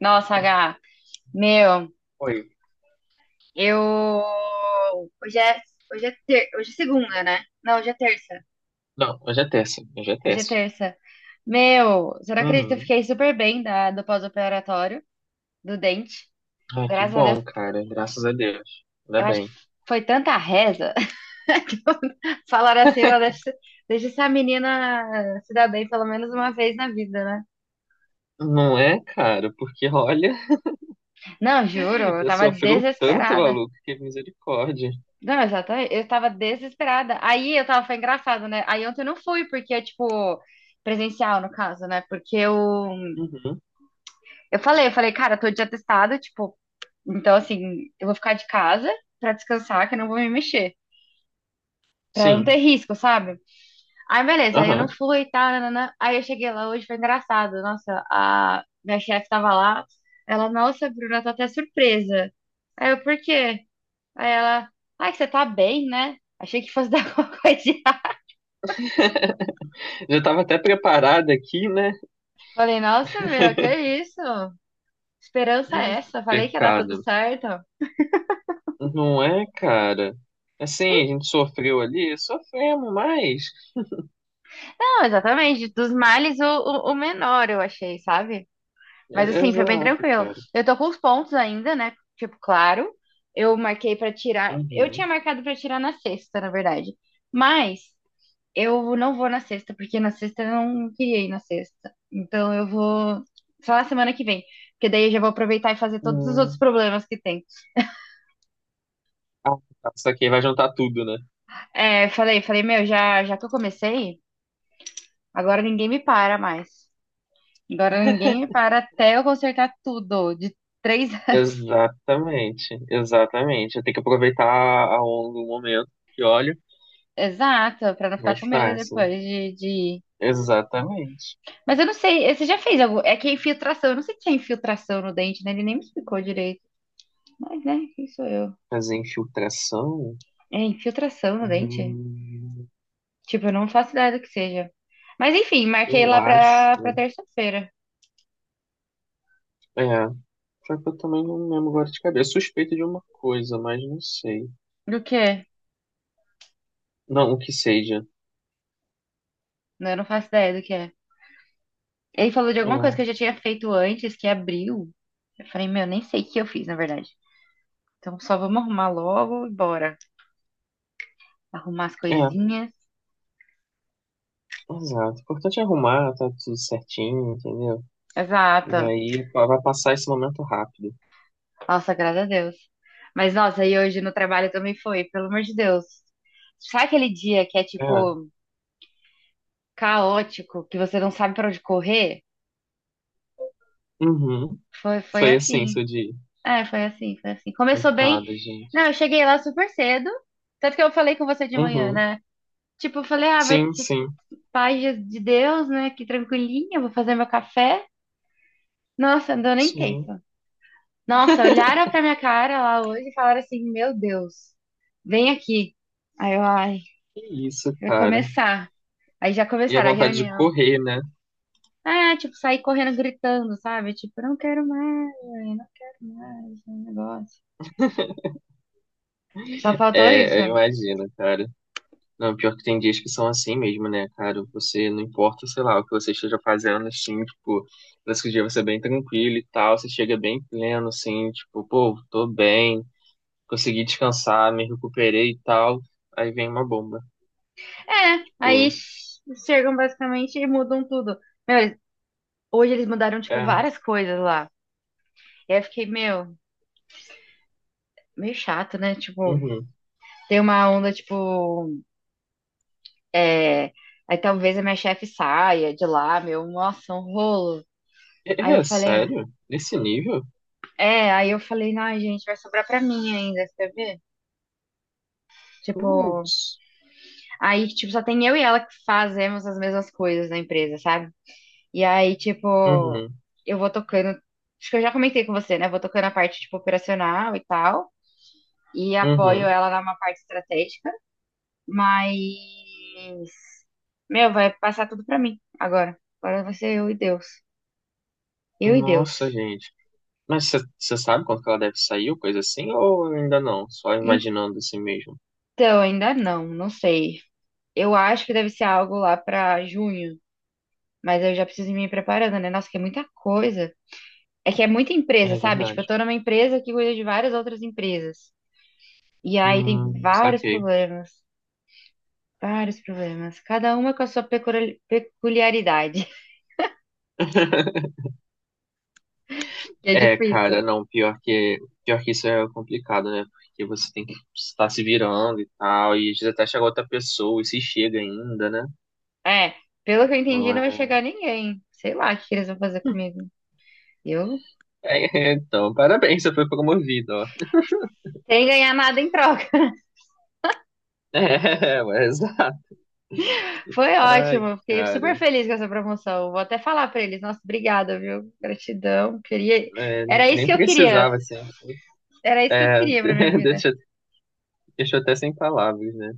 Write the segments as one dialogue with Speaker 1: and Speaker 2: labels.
Speaker 1: Nossa, H, meu,
Speaker 2: Oi.
Speaker 1: eu. Hoje é, hoje é segunda, né? Não, hoje é terça.
Speaker 2: Não, hoje é terça. Hoje é
Speaker 1: Hoje é
Speaker 2: terça.
Speaker 1: terça. Meu, você não acredita, eu
Speaker 2: Uhum.
Speaker 1: fiquei super bem do pós-operatório, do dente.
Speaker 2: Ai, que
Speaker 1: Graças a Deus.
Speaker 2: bom, cara. Graças a Deus. Ainda
Speaker 1: Eu acho que
Speaker 2: bem.
Speaker 1: foi tanta reza. que Falaram assim, "Ó, deixa... deixa essa menina se dar bem pelo menos uma vez na vida, né?
Speaker 2: Não é, cara? Porque, olha,
Speaker 1: Não, juro, eu
Speaker 2: já
Speaker 1: tava
Speaker 2: sofreu tanto,
Speaker 1: desesperada.
Speaker 2: maluco, que misericórdia.
Speaker 1: Não, exatamente. Eu tava desesperada. Aí eu tava, foi engraçado, né? Aí ontem eu não fui, porque, é tipo, presencial, no caso, né? Porque eu,
Speaker 2: Uhum.
Speaker 1: eu falei, cara, eu tô de atestado, tipo, então, assim, eu vou ficar de casa pra descansar, que eu não vou me mexer, pra não ter
Speaker 2: Sim.
Speaker 1: risco, sabe? Aí, beleza, aí eu não
Speaker 2: Aham.
Speaker 1: fui e tal, nananã. Aí eu cheguei lá hoje, foi engraçado. Nossa, a minha chefe tava lá, ela, nossa, Bruna, eu tô até surpresa. Aí eu, por quê? Aí ela, ai, que você tá bem, né? Achei que fosse dar alguma coisa.
Speaker 2: Já tava até preparada aqui, né?
Speaker 1: Falei, nossa, meu, que é isso? Esperança é essa? Falei que ia dar tudo
Speaker 2: Pecado.
Speaker 1: certo.
Speaker 2: Não é, cara?
Speaker 1: Sim,
Speaker 2: Assim, a gente sofreu ali, sofremos mais.
Speaker 1: não, exatamente. Dos males, o menor, eu achei, sabe? Mas assim, foi bem
Speaker 2: Exato,
Speaker 1: tranquilo.
Speaker 2: cara.
Speaker 1: Eu tô com os pontos ainda, né? Tipo, claro. Eu marquei pra tirar. Eu tinha
Speaker 2: Uhum.
Speaker 1: marcado pra tirar na sexta, na verdade. Mas eu não vou na sexta, porque na sexta eu não queria ir na sexta. Então eu vou só na semana que vem. Porque daí eu já vou aproveitar e fazer todos os outros
Speaker 2: Hum.
Speaker 1: problemas que tem.
Speaker 2: Ah, tá. Isso aqui vai juntar tudo, né?
Speaker 1: É, falei, falei, meu, já que eu comecei. Agora ninguém me para mais. Agora ninguém me para até eu consertar tudo. De 3 anos.
Speaker 2: Exatamente, exatamente. Tem que aproveitar a onda do momento que olha,
Speaker 1: Exato, pra não ficar
Speaker 2: mais
Speaker 1: com medo
Speaker 2: fácil.
Speaker 1: depois.
Speaker 2: Exatamente.
Speaker 1: Mas eu não sei, você já fez algo? É que é infiltração, eu não sei se é infiltração no dente, né? Ele nem me explicou direito. Mas, né, quem sou eu?
Speaker 2: Fazer infiltração,
Speaker 1: É infiltração no dente?
Speaker 2: hum,
Speaker 1: Tipo, eu não faço ideia do que seja. Mas enfim, marquei
Speaker 2: eu
Speaker 1: lá pra, pra
Speaker 2: acho.
Speaker 1: terça-feira.
Speaker 2: É, só que eu também não lembro agora de cabeça. Suspeito de uma coisa, mas não sei.
Speaker 1: Do que é?
Speaker 2: Não, o que seja.
Speaker 1: Não, eu não faço ideia do que é. Ele falou de
Speaker 2: É,
Speaker 1: alguma coisa que eu já tinha feito antes, que abriu. Eu falei, meu, nem sei o que eu fiz, na verdade. Então só vamos arrumar logo e bora. Arrumar as
Speaker 2: é,
Speaker 1: coisinhas.
Speaker 2: exato. O importante é arrumar, tá tudo certinho, entendeu? E
Speaker 1: Exato.
Speaker 2: aí pá, vai passar esse momento rápido.
Speaker 1: Nossa, graças a Deus. Mas nossa, e hoje no trabalho também foi, pelo amor de Deus. Sabe aquele dia que é
Speaker 2: É,
Speaker 1: tipo caótico, que você não sabe pra onde correr?
Speaker 2: uhum.
Speaker 1: Foi, foi
Speaker 2: Foi assim,
Speaker 1: assim.
Speaker 2: seu dia.
Speaker 1: É, foi assim, foi assim. Começou bem.
Speaker 2: Coitada, gente.
Speaker 1: Não, eu cheguei lá super cedo. Tanto que eu falei com você de manhã,
Speaker 2: Uhum.
Speaker 1: né? Tipo, eu falei, ah, vai
Speaker 2: Sim,
Speaker 1: ter
Speaker 2: sim,
Speaker 1: paz de Deus, né? Que tranquilinha, vou fazer meu café. Nossa, não deu nem
Speaker 2: sim.
Speaker 1: tempo. Nossa, olharam pra minha cara lá hoje e falaram assim: Meu Deus, vem aqui. Aí eu, ai,
Speaker 2: Que isso,
Speaker 1: vai
Speaker 2: cara.
Speaker 1: começar. Aí já
Speaker 2: E a
Speaker 1: começaram a
Speaker 2: vontade de
Speaker 1: reunião.
Speaker 2: correr, né?
Speaker 1: Ah, tipo, saí correndo gritando, sabe? Tipo, não quero mais, não quero mais, esse negócio. Só faltou isso.
Speaker 2: É, eu imagino, cara. Não, pior que tem dias que são assim mesmo, né, cara? Você não importa, sei lá, o que você esteja fazendo, assim, tipo, parece que o dia vai ser bem tranquilo e tal, você chega bem pleno, assim, tipo, pô, tô bem, consegui descansar, me recuperei e tal. Aí vem uma bomba.
Speaker 1: É, aí
Speaker 2: Tipo,
Speaker 1: chegam basicamente e mudam tudo. Meu, hoje eles mudaram, tipo,
Speaker 2: é,
Speaker 1: várias coisas lá. E aí eu fiquei, meu, meio chato, né? Tipo,
Speaker 2: uhum.
Speaker 1: tem uma onda, tipo. É, aí talvez a minha chefe saia de lá, meu, nossa, um rolo. Aí
Speaker 2: É,
Speaker 1: eu
Speaker 2: é
Speaker 1: falei,
Speaker 2: sério? Nesse nível?
Speaker 1: é, aí eu falei, ai, gente, vai sobrar pra mim ainda, você quer ver? Tipo,
Speaker 2: Putz.
Speaker 1: aí, tipo, só tem eu e ela que fazemos as mesmas coisas na empresa, sabe? E aí, tipo,
Speaker 2: Uhum,
Speaker 1: eu vou tocando, acho que eu já comentei com você, né? Vou tocando a parte, tipo, operacional e tal, e apoio
Speaker 2: uhum.
Speaker 1: ela na uma parte estratégica, mas, meu, vai passar tudo pra mim agora. Agora vai ser eu e Deus. Eu e Deus.
Speaker 2: Nossa, gente. Mas você sabe quando que ela deve sair ou coisa assim? Ou ainda não? Só imaginando assim mesmo.
Speaker 1: Então, ainda não, não sei. Eu acho que deve ser algo lá pra junho, mas eu já preciso ir me preparando, né? Nossa, que é muita coisa. É que é muita empresa,
Speaker 2: É
Speaker 1: sabe? Tipo, eu
Speaker 2: verdade.
Speaker 1: tô numa empresa que cuida de várias outras empresas. E aí tem vários
Speaker 2: Saquei.
Speaker 1: problemas, vários problemas. Cada uma com a sua peculiaridade, que é
Speaker 2: É, cara,
Speaker 1: difícil.
Speaker 2: não, pior que isso é complicado, né? Porque você tem que estar se virando e tal, e às vezes até chegar outra pessoa e se chega ainda, né?
Speaker 1: É, pelo que eu entendi,
Speaker 2: Então,
Speaker 1: não vai
Speaker 2: é...
Speaker 1: chegar ninguém. Sei lá o que que eles vão fazer comigo. Eu,
Speaker 2: é, é, então, parabéns, você foi promovido, ó.
Speaker 1: sem ganhar nada em troca.
Speaker 2: É, ué, exato.
Speaker 1: Foi
Speaker 2: Ai,
Speaker 1: ótimo, eu fiquei
Speaker 2: cara,
Speaker 1: super feliz com essa promoção. Vou até falar pra eles, nossa, obrigada, viu? Gratidão.
Speaker 2: é,
Speaker 1: Era isso
Speaker 2: nem
Speaker 1: que eu queria.
Speaker 2: precisava, assim.
Speaker 1: Era isso que eu
Speaker 2: É,
Speaker 1: queria pra minha vida.
Speaker 2: deixa, deixa eu até sem palavras, né?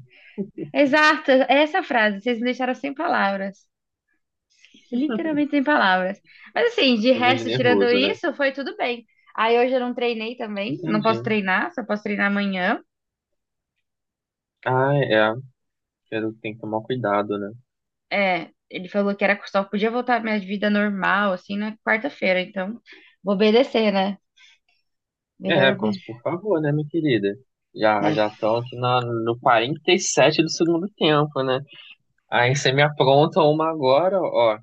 Speaker 1: Exato, essa frase, vocês me deixaram sem palavras. Literalmente sem palavras. Mas assim, de
Speaker 2: Indo de
Speaker 1: resto, tirando
Speaker 2: nervoso, né?
Speaker 1: isso, foi tudo bem. Aí hoje eu não treinei também, não
Speaker 2: Entendi.
Speaker 1: posso treinar, só posso treinar amanhã.
Speaker 2: Ah, é. Pelo que tem que tomar cuidado, né?
Speaker 1: É, ele falou que era só podia voltar à minha vida normal assim na quarta-feira, então vou obedecer, né? Melhor
Speaker 2: É, Cons,
Speaker 1: obedecer.
Speaker 2: por favor, né, minha querida? Já
Speaker 1: É,
Speaker 2: já estão aqui na, no 47 do segundo tempo, né? Aí você me apronta uma agora, ó.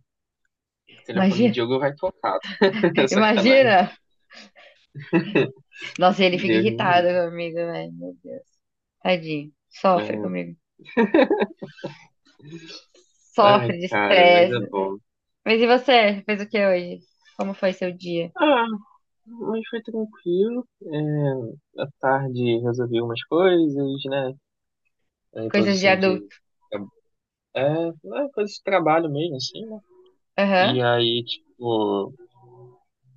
Speaker 2: O telefone do
Speaker 1: imagina,
Speaker 2: Diogo vai tocar. Sacanagem.
Speaker 1: imagina. Nossa, ele fica
Speaker 2: Deus me
Speaker 1: irritado
Speaker 2: livre.
Speaker 1: comigo, velho. Meu Deus. Tadinho. Sofre comigo.
Speaker 2: É. Ai,
Speaker 1: Sofre de
Speaker 2: cara, mas
Speaker 1: estresse.
Speaker 2: é bom.
Speaker 1: Mas e você? Fez o que hoje? Como foi seu dia?
Speaker 2: Ah, mas foi tranquilo. É, à tarde resolvi umas coisas, né? Aí, depois
Speaker 1: Coisas de
Speaker 2: assim de.
Speaker 1: adulto.
Speaker 2: É, é, coisa de trabalho mesmo, assim, né?
Speaker 1: Aham,
Speaker 2: E aí, tipo,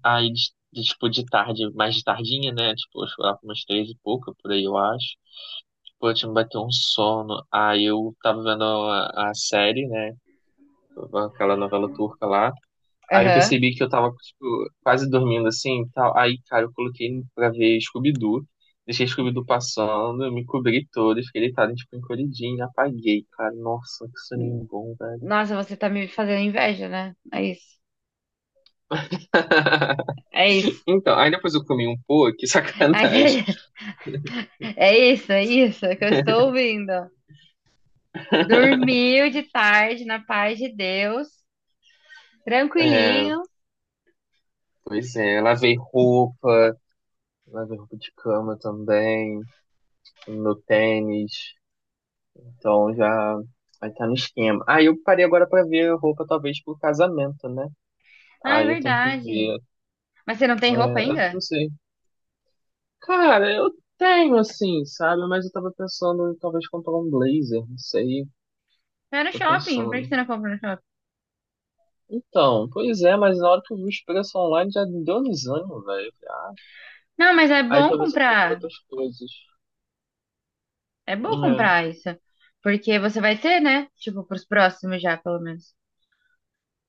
Speaker 2: aí, tipo, de tarde, mais de tardinha, né? Tipo, eu fui lá pra umas três e pouca, por aí eu acho. Tipo, eu tinha me bateu um sono. Aí eu tava vendo a série, né? Aquela novela turca lá. Aí eu
Speaker 1: aham.
Speaker 2: percebi que eu tava, tipo, quase dormindo assim e tal. Aí, cara, eu coloquei pra ver Scooby-Doo. Deixei Scooby-Doo passando, eu me cobri todo e fiquei deitado, tipo, encolhidinho. Apaguei, cara. Nossa, que soninho bom, velho.
Speaker 1: Nossa, você tá me fazendo inveja, né? É isso. É isso.
Speaker 2: Então, aí depois eu comi um pô, que sacanagem.
Speaker 1: Ai, é isso, é isso que eu estou ouvindo. Dormiu de tarde, na paz de Deus.
Speaker 2: É,
Speaker 1: Tranquilinho.
Speaker 2: pois é, eu lavei roupa de cama também, meu tênis, então já vai tá no esquema. Ah, eu parei agora pra ver roupa talvez pro casamento, né?
Speaker 1: Ah, é
Speaker 2: Aí eu tenho que
Speaker 1: verdade.
Speaker 2: ver,
Speaker 1: Mas você não tem roupa
Speaker 2: é, eu
Speaker 1: ainda?
Speaker 2: não sei. Cara, eu tenho assim, sabe? Mas eu tava pensando em talvez comprar um blazer, não sei,
Speaker 1: Vai no
Speaker 2: tô
Speaker 1: shopping. Por que
Speaker 2: pensando.
Speaker 1: você não compra no shopping?
Speaker 2: Então, pois é, mas na hora que eu vi os preços online já me deu um desânimo, velho. Eu falei, ah,
Speaker 1: Não, mas é
Speaker 2: aí
Speaker 1: bom
Speaker 2: talvez eu compre
Speaker 1: comprar.
Speaker 2: outras coisas.
Speaker 1: É bom
Speaker 2: É.
Speaker 1: comprar isso. Porque você vai ter, né? Tipo, pros próximos já, pelo menos.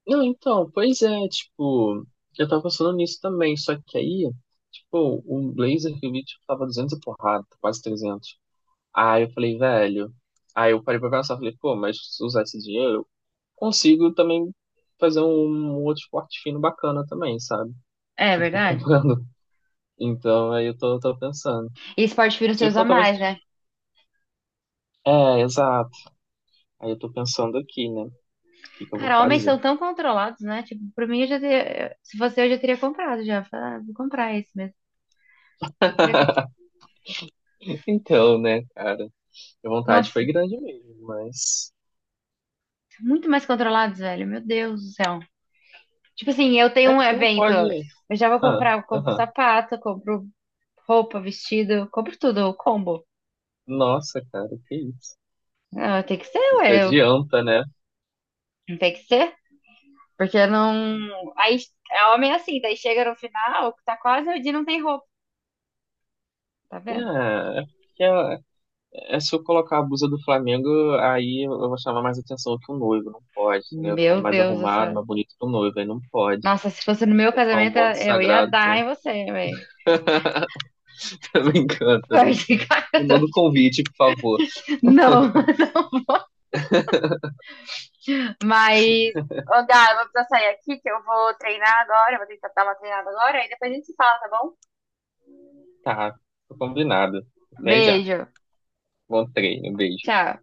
Speaker 2: Não, então, pois é, tipo, eu tava pensando nisso também, só que aí, tipo, o blazer que eu vi, tipo, tava 200 e porrada, quase 300. Aí eu falei, velho, aí eu parei pra pensar, falei, pô, mas se usar esse dinheiro, eu consigo também fazer um, um outro esporte fino bacana também, sabe?
Speaker 1: É
Speaker 2: Tipo,
Speaker 1: verdade.
Speaker 2: comprando. Então, aí eu tô, tô pensando.
Speaker 1: E esporte fino você
Speaker 2: Se
Speaker 1: usa
Speaker 2: for, talvez...
Speaker 1: mais, né?
Speaker 2: É, exato. Aí eu tô pensando aqui, né? O que que eu vou
Speaker 1: Cara, homens
Speaker 2: fazer?
Speaker 1: são tão controlados, né? Tipo, pra mim, eu já teria... Se fosse eu, já teria comprado já. Falar, ah, vou comprar esse mesmo. Já teria co-
Speaker 2: Então, né, cara, a vontade
Speaker 1: Nossa,
Speaker 2: foi grande mesmo, mas...
Speaker 1: muito mais controlados, velho. Meu Deus do céu. Tipo assim, eu tenho
Speaker 2: É
Speaker 1: um
Speaker 2: porque não
Speaker 1: evento.
Speaker 2: pode.
Speaker 1: Eu já vou
Speaker 2: Ah,
Speaker 1: comprar, eu compro
Speaker 2: aham.
Speaker 1: sapato, compro roupa, vestido, compro tudo, o combo.
Speaker 2: Nossa, cara, que isso.
Speaker 1: Ah, tem que ser,
Speaker 2: A
Speaker 1: ué.
Speaker 2: gente adianta, né?
Speaker 1: Não tem que ser. Porque não. Aí é homem assim, daí chega no final, tá quase o dia não tem roupa, tá vendo?
Speaker 2: Ah, é porque ah, é, se eu colocar a blusa do Flamengo, aí eu vou chamar mais atenção que o noivo, não pode, entendeu? Ficar
Speaker 1: Meu
Speaker 2: mais
Speaker 1: Deus do
Speaker 2: arrumado,
Speaker 1: céu.
Speaker 2: mais bonito que o noivo, aí não pode.
Speaker 1: Nossa, se fosse no meu
Speaker 2: Colocar um
Speaker 1: casamento,
Speaker 2: manto
Speaker 1: eu ia
Speaker 2: sagrado.
Speaker 1: dar
Speaker 2: Tô,
Speaker 1: em você, velho.
Speaker 2: tô brincando, tô
Speaker 1: Forte,
Speaker 2: brincando. Me
Speaker 1: cara.
Speaker 2: manda o convite, por favor.
Speaker 1: Não, mas. Ô, Gá, eu vou precisar sair aqui, que eu vou treinar agora, eu vou tentar dar uma treinada agora, aí depois a gente se fala, tá bom?
Speaker 2: Tá, tô combinado. Até já.
Speaker 1: Beijo.
Speaker 2: Bom treino, beijo.
Speaker 1: Tchau.